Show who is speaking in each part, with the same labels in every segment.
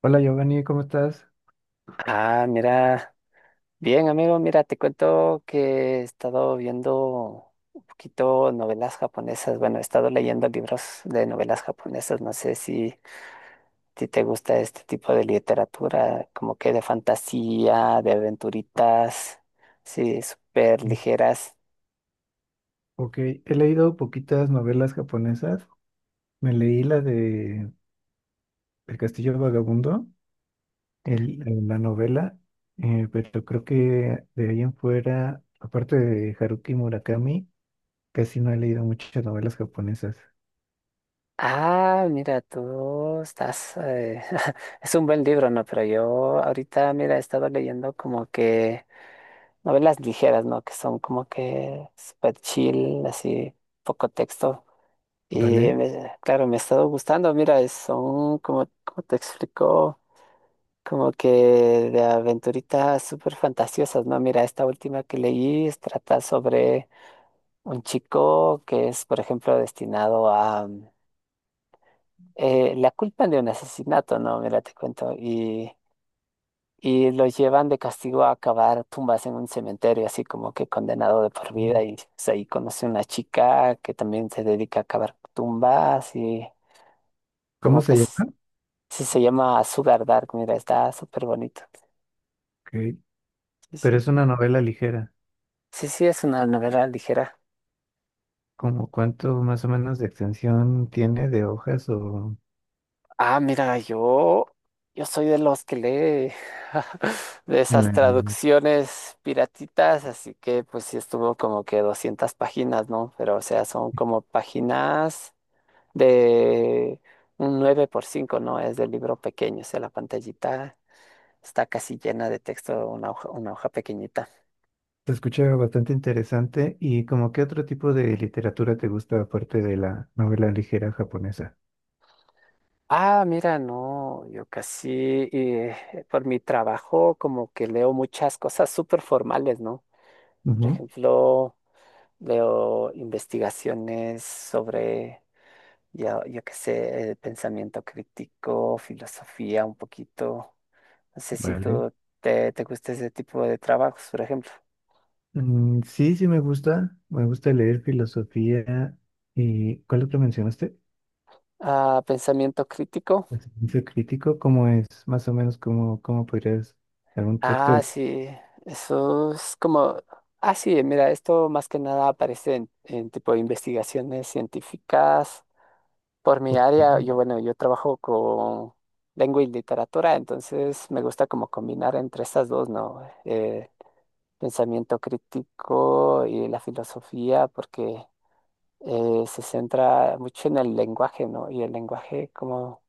Speaker 1: Hola Giovanni, ¿cómo estás?
Speaker 2: Ah, mira, bien amigo, mira, te cuento que he estado viendo un poquito novelas japonesas, bueno, he estado leyendo libros de novelas japonesas, no sé si te gusta este tipo de literatura, como que de fantasía, de aventuritas, sí, súper
Speaker 1: Mm.
Speaker 2: ligeras.
Speaker 1: Ok, he leído poquitas novelas japonesas. Me leí la de El Castillo Vagabundo en la novela, pero creo que de ahí en fuera, aparte de Haruki Murakami, casi no he leído muchas novelas japonesas,
Speaker 2: Ah, mira, tú estás, es un buen libro, ¿no? Pero yo ahorita, mira, he estado leyendo como que novelas ligeras, ¿no? Que son como que super chill, así, poco texto. Y
Speaker 1: ¿vale?
Speaker 2: claro, me ha estado gustando. Mira, son como, como te explico, como que de aventuritas súper fantasiosas, ¿no? Mira, esta última que leí trata sobre un chico que es, por ejemplo, destinado a la culpa de un asesinato, ¿no? Mira, te cuento. Y los llevan de castigo a cavar tumbas en un cementerio, así como que condenado de por
Speaker 1: Mm.
Speaker 2: vida. Y pues, ahí conoce una chica que también se dedica a cavar tumbas y
Speaker 1: ¿Cómo
Speaker 2: como que
Speaker 1: se
Speaker 2: s-
Speaker 1: llama?
Speaker 2: sí se llama Sugar Dark, mira, está súper bonito.
Speaker 1: Ok.
Speaker 2: Sí,
Speaker 1: Pero
Speaker 2: sí.
Speaker 1: es una novela ligera,
Speaker 2: Sí, sí, es una novela ligera.
Speaker 1: ¿como cuánto más o menos de extensión tiene de hojas o...
Speaker 2: Ah, mira, yo soy de los que lee de
Speaker 1: en
Speaker 2: esas
Speaker 1: la-
Speaker 2: traducciones piratitas, así que pues sí estuvo como que 200 páginas, ¿no? Pero o sea, son como páginas de un 9 por 5, ¿no? Es del libro pequeño, o sea, la pantallita está casi llena de texto, una hoja pequeñita.
Speaker 1: Se escucha bastante interesante y como qué otro tipo de literatura te gusta aparte de la novela ligera japonesa.
Speaker 2: Ah, mira, no, yo casi eh, por mi trabajo como que leo muchas cosas súper formales, ¿no? Por
Speaker 1: Ujú.
Speaker 2: ejemplo, leo investigaciones sobre, ya, yo qué sé, pensamiento crítico, filosofía un poquito. No sé si
Speaker 1: Vale.
Speaker 2: tú te gusta ese tipo de trabajos, por ejemplo.
Speaker 1: Mm, sí, sí me gusta. Me gusta leer filosofía. ¿Y cuál otro mencionaste?
Speaker 2: Ah, pensamiento crítico.
Speaker 1: El Silencio crítico, ¿cómo es? Más o menos, ¿cómo, cómo podrías dar un texto
Speaker 2: Ah,
Speaker 1: de...
Speaker 2: sí, eso es como Ah, sí, mira, esto más que nada aparece en tipo de investigaciones científicas. Por mi
Speaker 1: Ok,
Speaker 2: área, yo, bueno, yo trabajo con lengua y literatura, entonces me gusta como combinar entre estas dos, ¿no? Pensamiento crítico y la filosofía, porque se centra mucho en el lenguaje, ¿no? Y el lenguaje como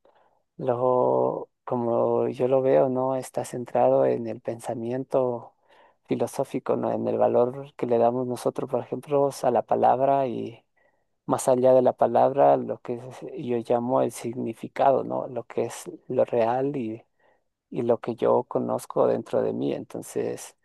Speaker 2: Lo, como yo lo veo, no está centrado en el pensamiento filosófico, ¿no? En el valor que le damos nosotros, por ejemplo, a la palabra y más allá de la palabra, yo llamo el significado, ¿no? Lo que es lo real y lo que yo conozco dentro de mí. Entonces,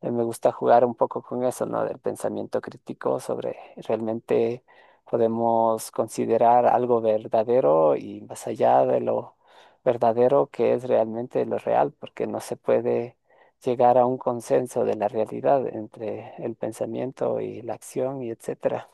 Speaker 2: me gusta jugar un poco con eso, ¿no? Del pensamiento crítico sobre realmente podemos considerar algo verdadero y más allá de lo verdadero que es realmente lo real, porque no se puede llegar a un consenso de la realidad entre el pensamiento y la acción y etcétera.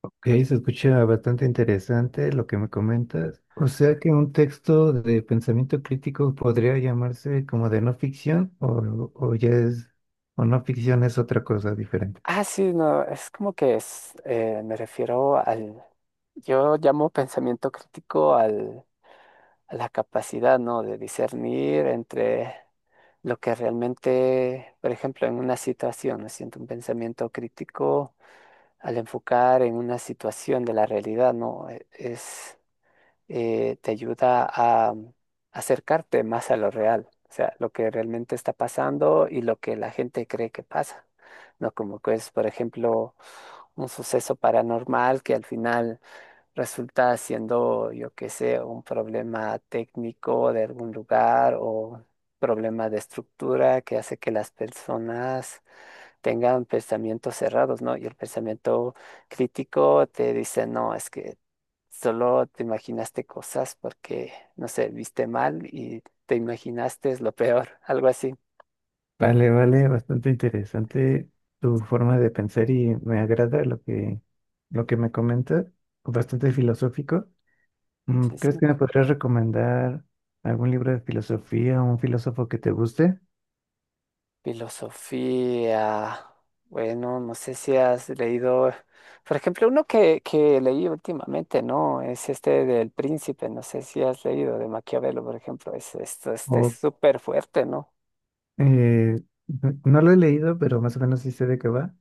Speaker 1: ok, se escucha bastante interesante lo que me comentas. O sea que un texto de pensamiento crítico podría llamarse como de no ficción o ya es... o no ficción es otra cosa diferente.
Speaker 2: Ah, sí, no, es como que es, me refiero al, yo llamo pensamiento crítico al, a la capacidad, ¿no? De discernir entre lo que realmente, por ejemplo, en una situación, me siento un pensamiento crítico al enfocar en una situación de la realidad, ¿no? Es, te ayuda a acercarte más a lo real, o sea, lo que realmente está pasando y lo que la gente cree que pasa, ¿no? Como que es, por ejemplo, un suceso paranormal que al final resulta siendo, yo qué sé, un problema técnico de algún lugar o problema de estructura que hace que las personas tengan pensamientos cerrados, ¿no? Y el pensamiento crítico te dice, no, es que solo te imaginaste cosas porque, no sé, viste mal y te imaginaste lo peor, algo así.
Speaker 1: Vale, vale, bastante interesante tu forma de pensar y me agrada lo que me comentas, bastante filosófico. Mm,
Speaker 2: Sí,
Speaker 1: ¿crees
Speaker 2: sí.
Speaker 1: que me podrías recomendar algún libro de filosofía o un filósofo que te guste?
Speaker 2: Filosofía. Bueno, no sé si has leído, por ejemplo, uno que leí últimamente, ¿no? Es este del Príncipe, no sé si has leído de Maquiavelo, por ejemplo, es, esto, este es
Speaker 1: O
Speaker 2: súper fuerte, ¿no?
Speaker 1: eh, no lo he leído, pero más o menos sí sé de qué va.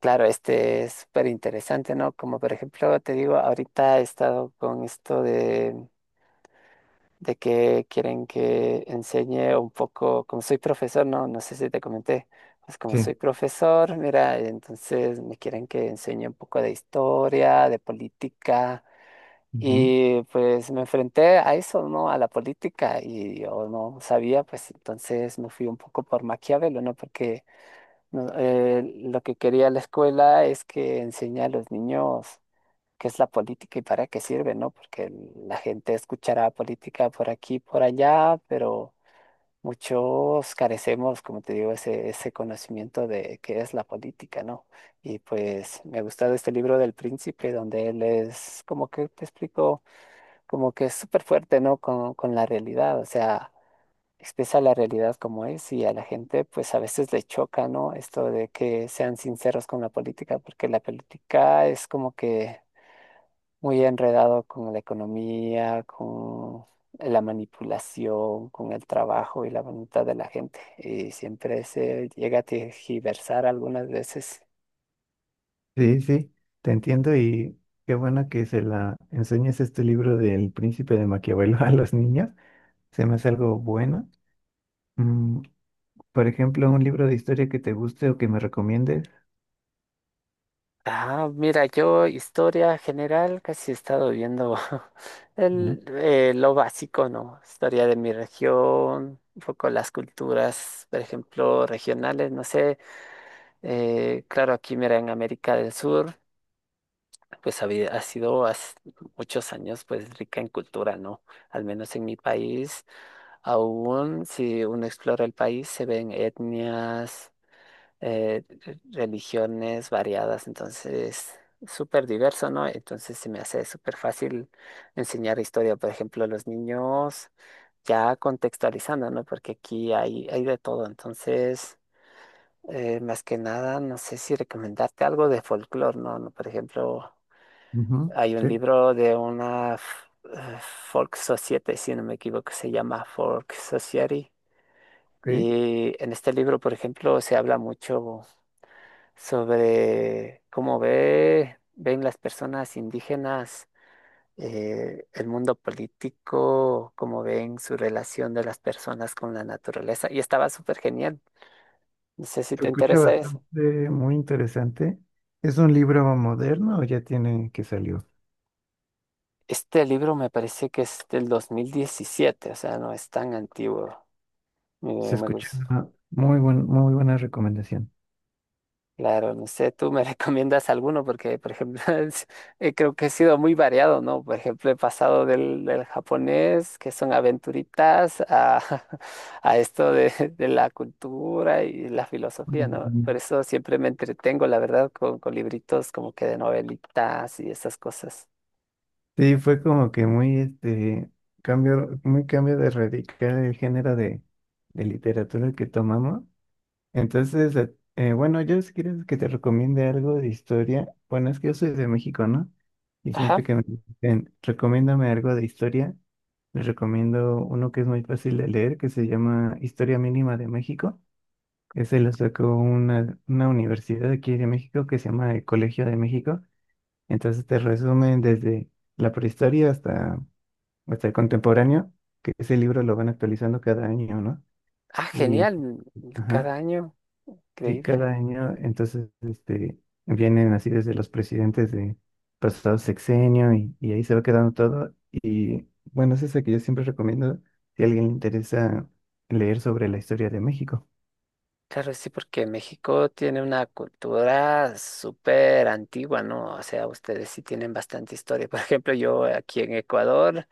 Speaker 2: Claro, este es súper interesante, ¿no? Como por ejemplo, te digo, ahorita he estado con esto de que quieren que enseñe un poco, como soy profesor, no, no sé si te comenté, pues como
Speaker 1: Sí,
Speaker 2: soy profesor, mira, entonces me quieren que enseñe un poco de historia, de política,
Speaker 1: ujú.
Speaker 2: y pues me enfrenté a eso, ¿no? A la política, y yo no sabía, pues entonces me fui un poco por Maquiavelo, ¿no? Porque no, lo que quería la escuela es que enseñe a los niños qué es la política y para qué sirve, ¿no? Porque la gente escuchará política por aquí, por allá, pero muchos carecemos, como te digo, ese conocimiento de qué es la política, ¿no? Y pues me ha gustado este libro del Príncipe, donde él es, como que te explico, como que es súper fuerte, ¿no? Con la realidad, o sea, expresa la realidad como es y a la gente pues a veces le choca, ¿no? Esto de que sean sinceros con la política, porque la política es como que muy enredado con la economía, con la manipulación, con el trabajo y la voluntad de la gente. Y siempre se llega a tergiversar algunas veces.
Speaker 1: Sí, sí, te entiendo y qué bueno que se la enseñes este libro del Príncipe de Maquiavelo a los niños. Se me hace algo bueno. Mm, por ejemplo, un libro de historia que te guste o que me recomiendes.
Speaker 2: Ah, mira, yo historia general casi he estado viendo
Speaker 1: Ujú.
Speaker 2: el, lo básico, ¿no? Historia de mi región, un poco las culturas, por ejemplo, regionales, no sé. Claro, aquí mira, en América del Sur. Pues ha sido hace muchos años pues rica en cultura, ¿no? Al menos en mi país, aún si uno explora el país, se ven etnias, religiones variadas, entonces súper diverso, ¿no? Entonces se me hace súper fácil enseñar historia, por ejemplo, a los niños, ya contextualizando, ¿no? Porque aquí hay de todo, entonces más que nada, no sé si recomendarte algo de folclore, ¿no? No, por ejemplo,
Speaker 1: Ujú.
Speaker 2: hay un
Speaker 1: Sí,
Speaker 2: libro de una eh, Folk Society, si no me equivoco, se llama Folk Society.
Speaker 1: ok.
Speaker 2: Y en este libro, por ejemplo, se habla mucho sobre ven las personas indígenas el mundo político, cómo ven su relación de las personas con la naturaleza. Y estaba súper genial. No sé si
Speaker 1: Se
Speaker 2: te
Speaker 1: escucha
Speaker 2: interesa eso.
Speaker 1: bastante, muy interesante. ¿Es un libro moderno o ya tiene que salió?
Speaker 2: Este libro me parece que es del 2017, o sea, no es tan antiguo.
Speaker 1: Se
Speaker 2: Me
Speaker 1: escucha
Speaker 2: gusta.
Speaker 1: una muy buen, muy buena recomendación.
Speaker 2: Claro, no sé, tú me recomiendas alguno porque, por ejemplo, creo que he sido muy variado, ¿no? Por ejemplo, he pasado del japonés, que son aventuritas, a, a esto de la cultura y la filosofía, ¿no?
Speaker 1: Mm,
Speaker 2: Por eso siempre me entretengo, la verdad, con libritos como que de novelitas y esas cosas.
Speaker 1: sí, fue como que muy este cambio, muy cambio de radical el género de literatura que tomamos. Entonces, bueno, yo si quieres que te recomiende algo de historia, bueno, es que yo soy de México, ¿no? Y
Speaker 2: Ajá.
Speaker 1: siempre que me dicen, recomiéndame algo de historia, les recomiendo uno que es muy fácil de leer, que se llama Historia Mínima de México. Ese lo sacó una universidad aquí de México que se llama el Colegio de México. Entonces te resumen desde la prehistoria hasta, hasta el contemporáneo, que ese libro lo van actualizando cada año, ¿no?
Speaker 2: Ah,
Speaker 1: Y,
Speaker 2: genial,
Speaker 1: ajá.
Speaker 2: cada año,
Speaker 1: Sí, cada
Speaker 2: increíble.
Speaker 1: año, entonces, este, vienen así desde los presidentes de pasado sexenio y ahí se va quedando todo. Y bueno, es esa que yo siempre recomiendo si a alguien le interesa leer sobre la historia de México.
Speaker 2: Claro, sí, porque México tiene una cultura súper antigua, ¿no? O sea, ustedes sí tienen bastante historia. Por ejemplo, yo aquí en Ecuador,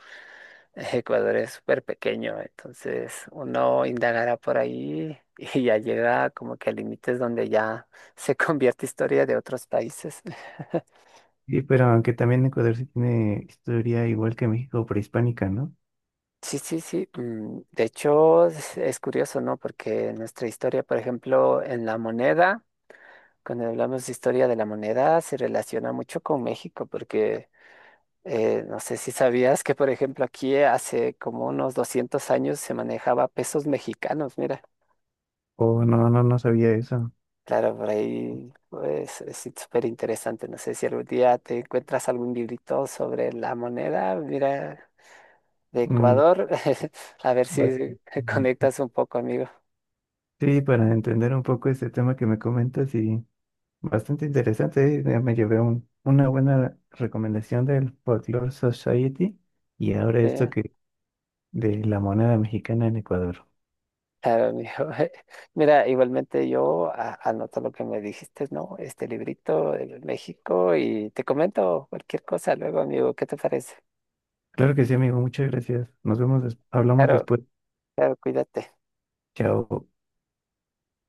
Speaker 2: Ecuador es súper pequeño, entonces uno indagará por ahí y ya llega como que a límites donde ya se convierte historia de otros países.
Speaker 1: Sí, pero aunque también Ecuador sí tiene historia igual que México prehispánica, ¿no?
Speaker 2: Sí, sí, sí. De hecho, es curioso, ¿no? Porque nuestra historia, por ejemplo, en la moneda, cuando hablamos de historia de la moneda, se relaciona mucho con México, porque no sé si sabías que, por ejemplo, aquí hace como unos 200 años se manejaba pesos mexicanos, mira.
Speaker 1: O no, no, no sabía eso.
Speaker 2: Claro, por ahí pues, es súper interesante. No sé si algún día te encuentras algún librito sobre la moneda, mira, de
Speaker 1: Mm,
Speaker 2: Ecuador. A ver
Speaker 1: bueno,
Speaker 2: si
Speaker 1: mm,
Speaker 2: conectas un poco, amigo.
Speaker 1: sí, para entender un poco este tema que me comentas y bastante interesante, ya me llevé una buena recomendación del Folklore Society y ahora esto
Speaker 2: Eh,
Speaker 1: que de la moneda mexicana en Ecuador.
Speaker 2: Claro, amigo. Mira, igualmente yo anoto lo que me dijiste, ¿no? Este librito de México y te comento cualquier cosa luego, amigo. ¿Qué te parece?
Speaker 1: Claro que sí, amigo, muchas gracias. Nos vemos, hablamos
Speaker 2: Claro,
Speaker 1: después.
Speaker 2: claro, cuídate.
Speaker 1: Chao.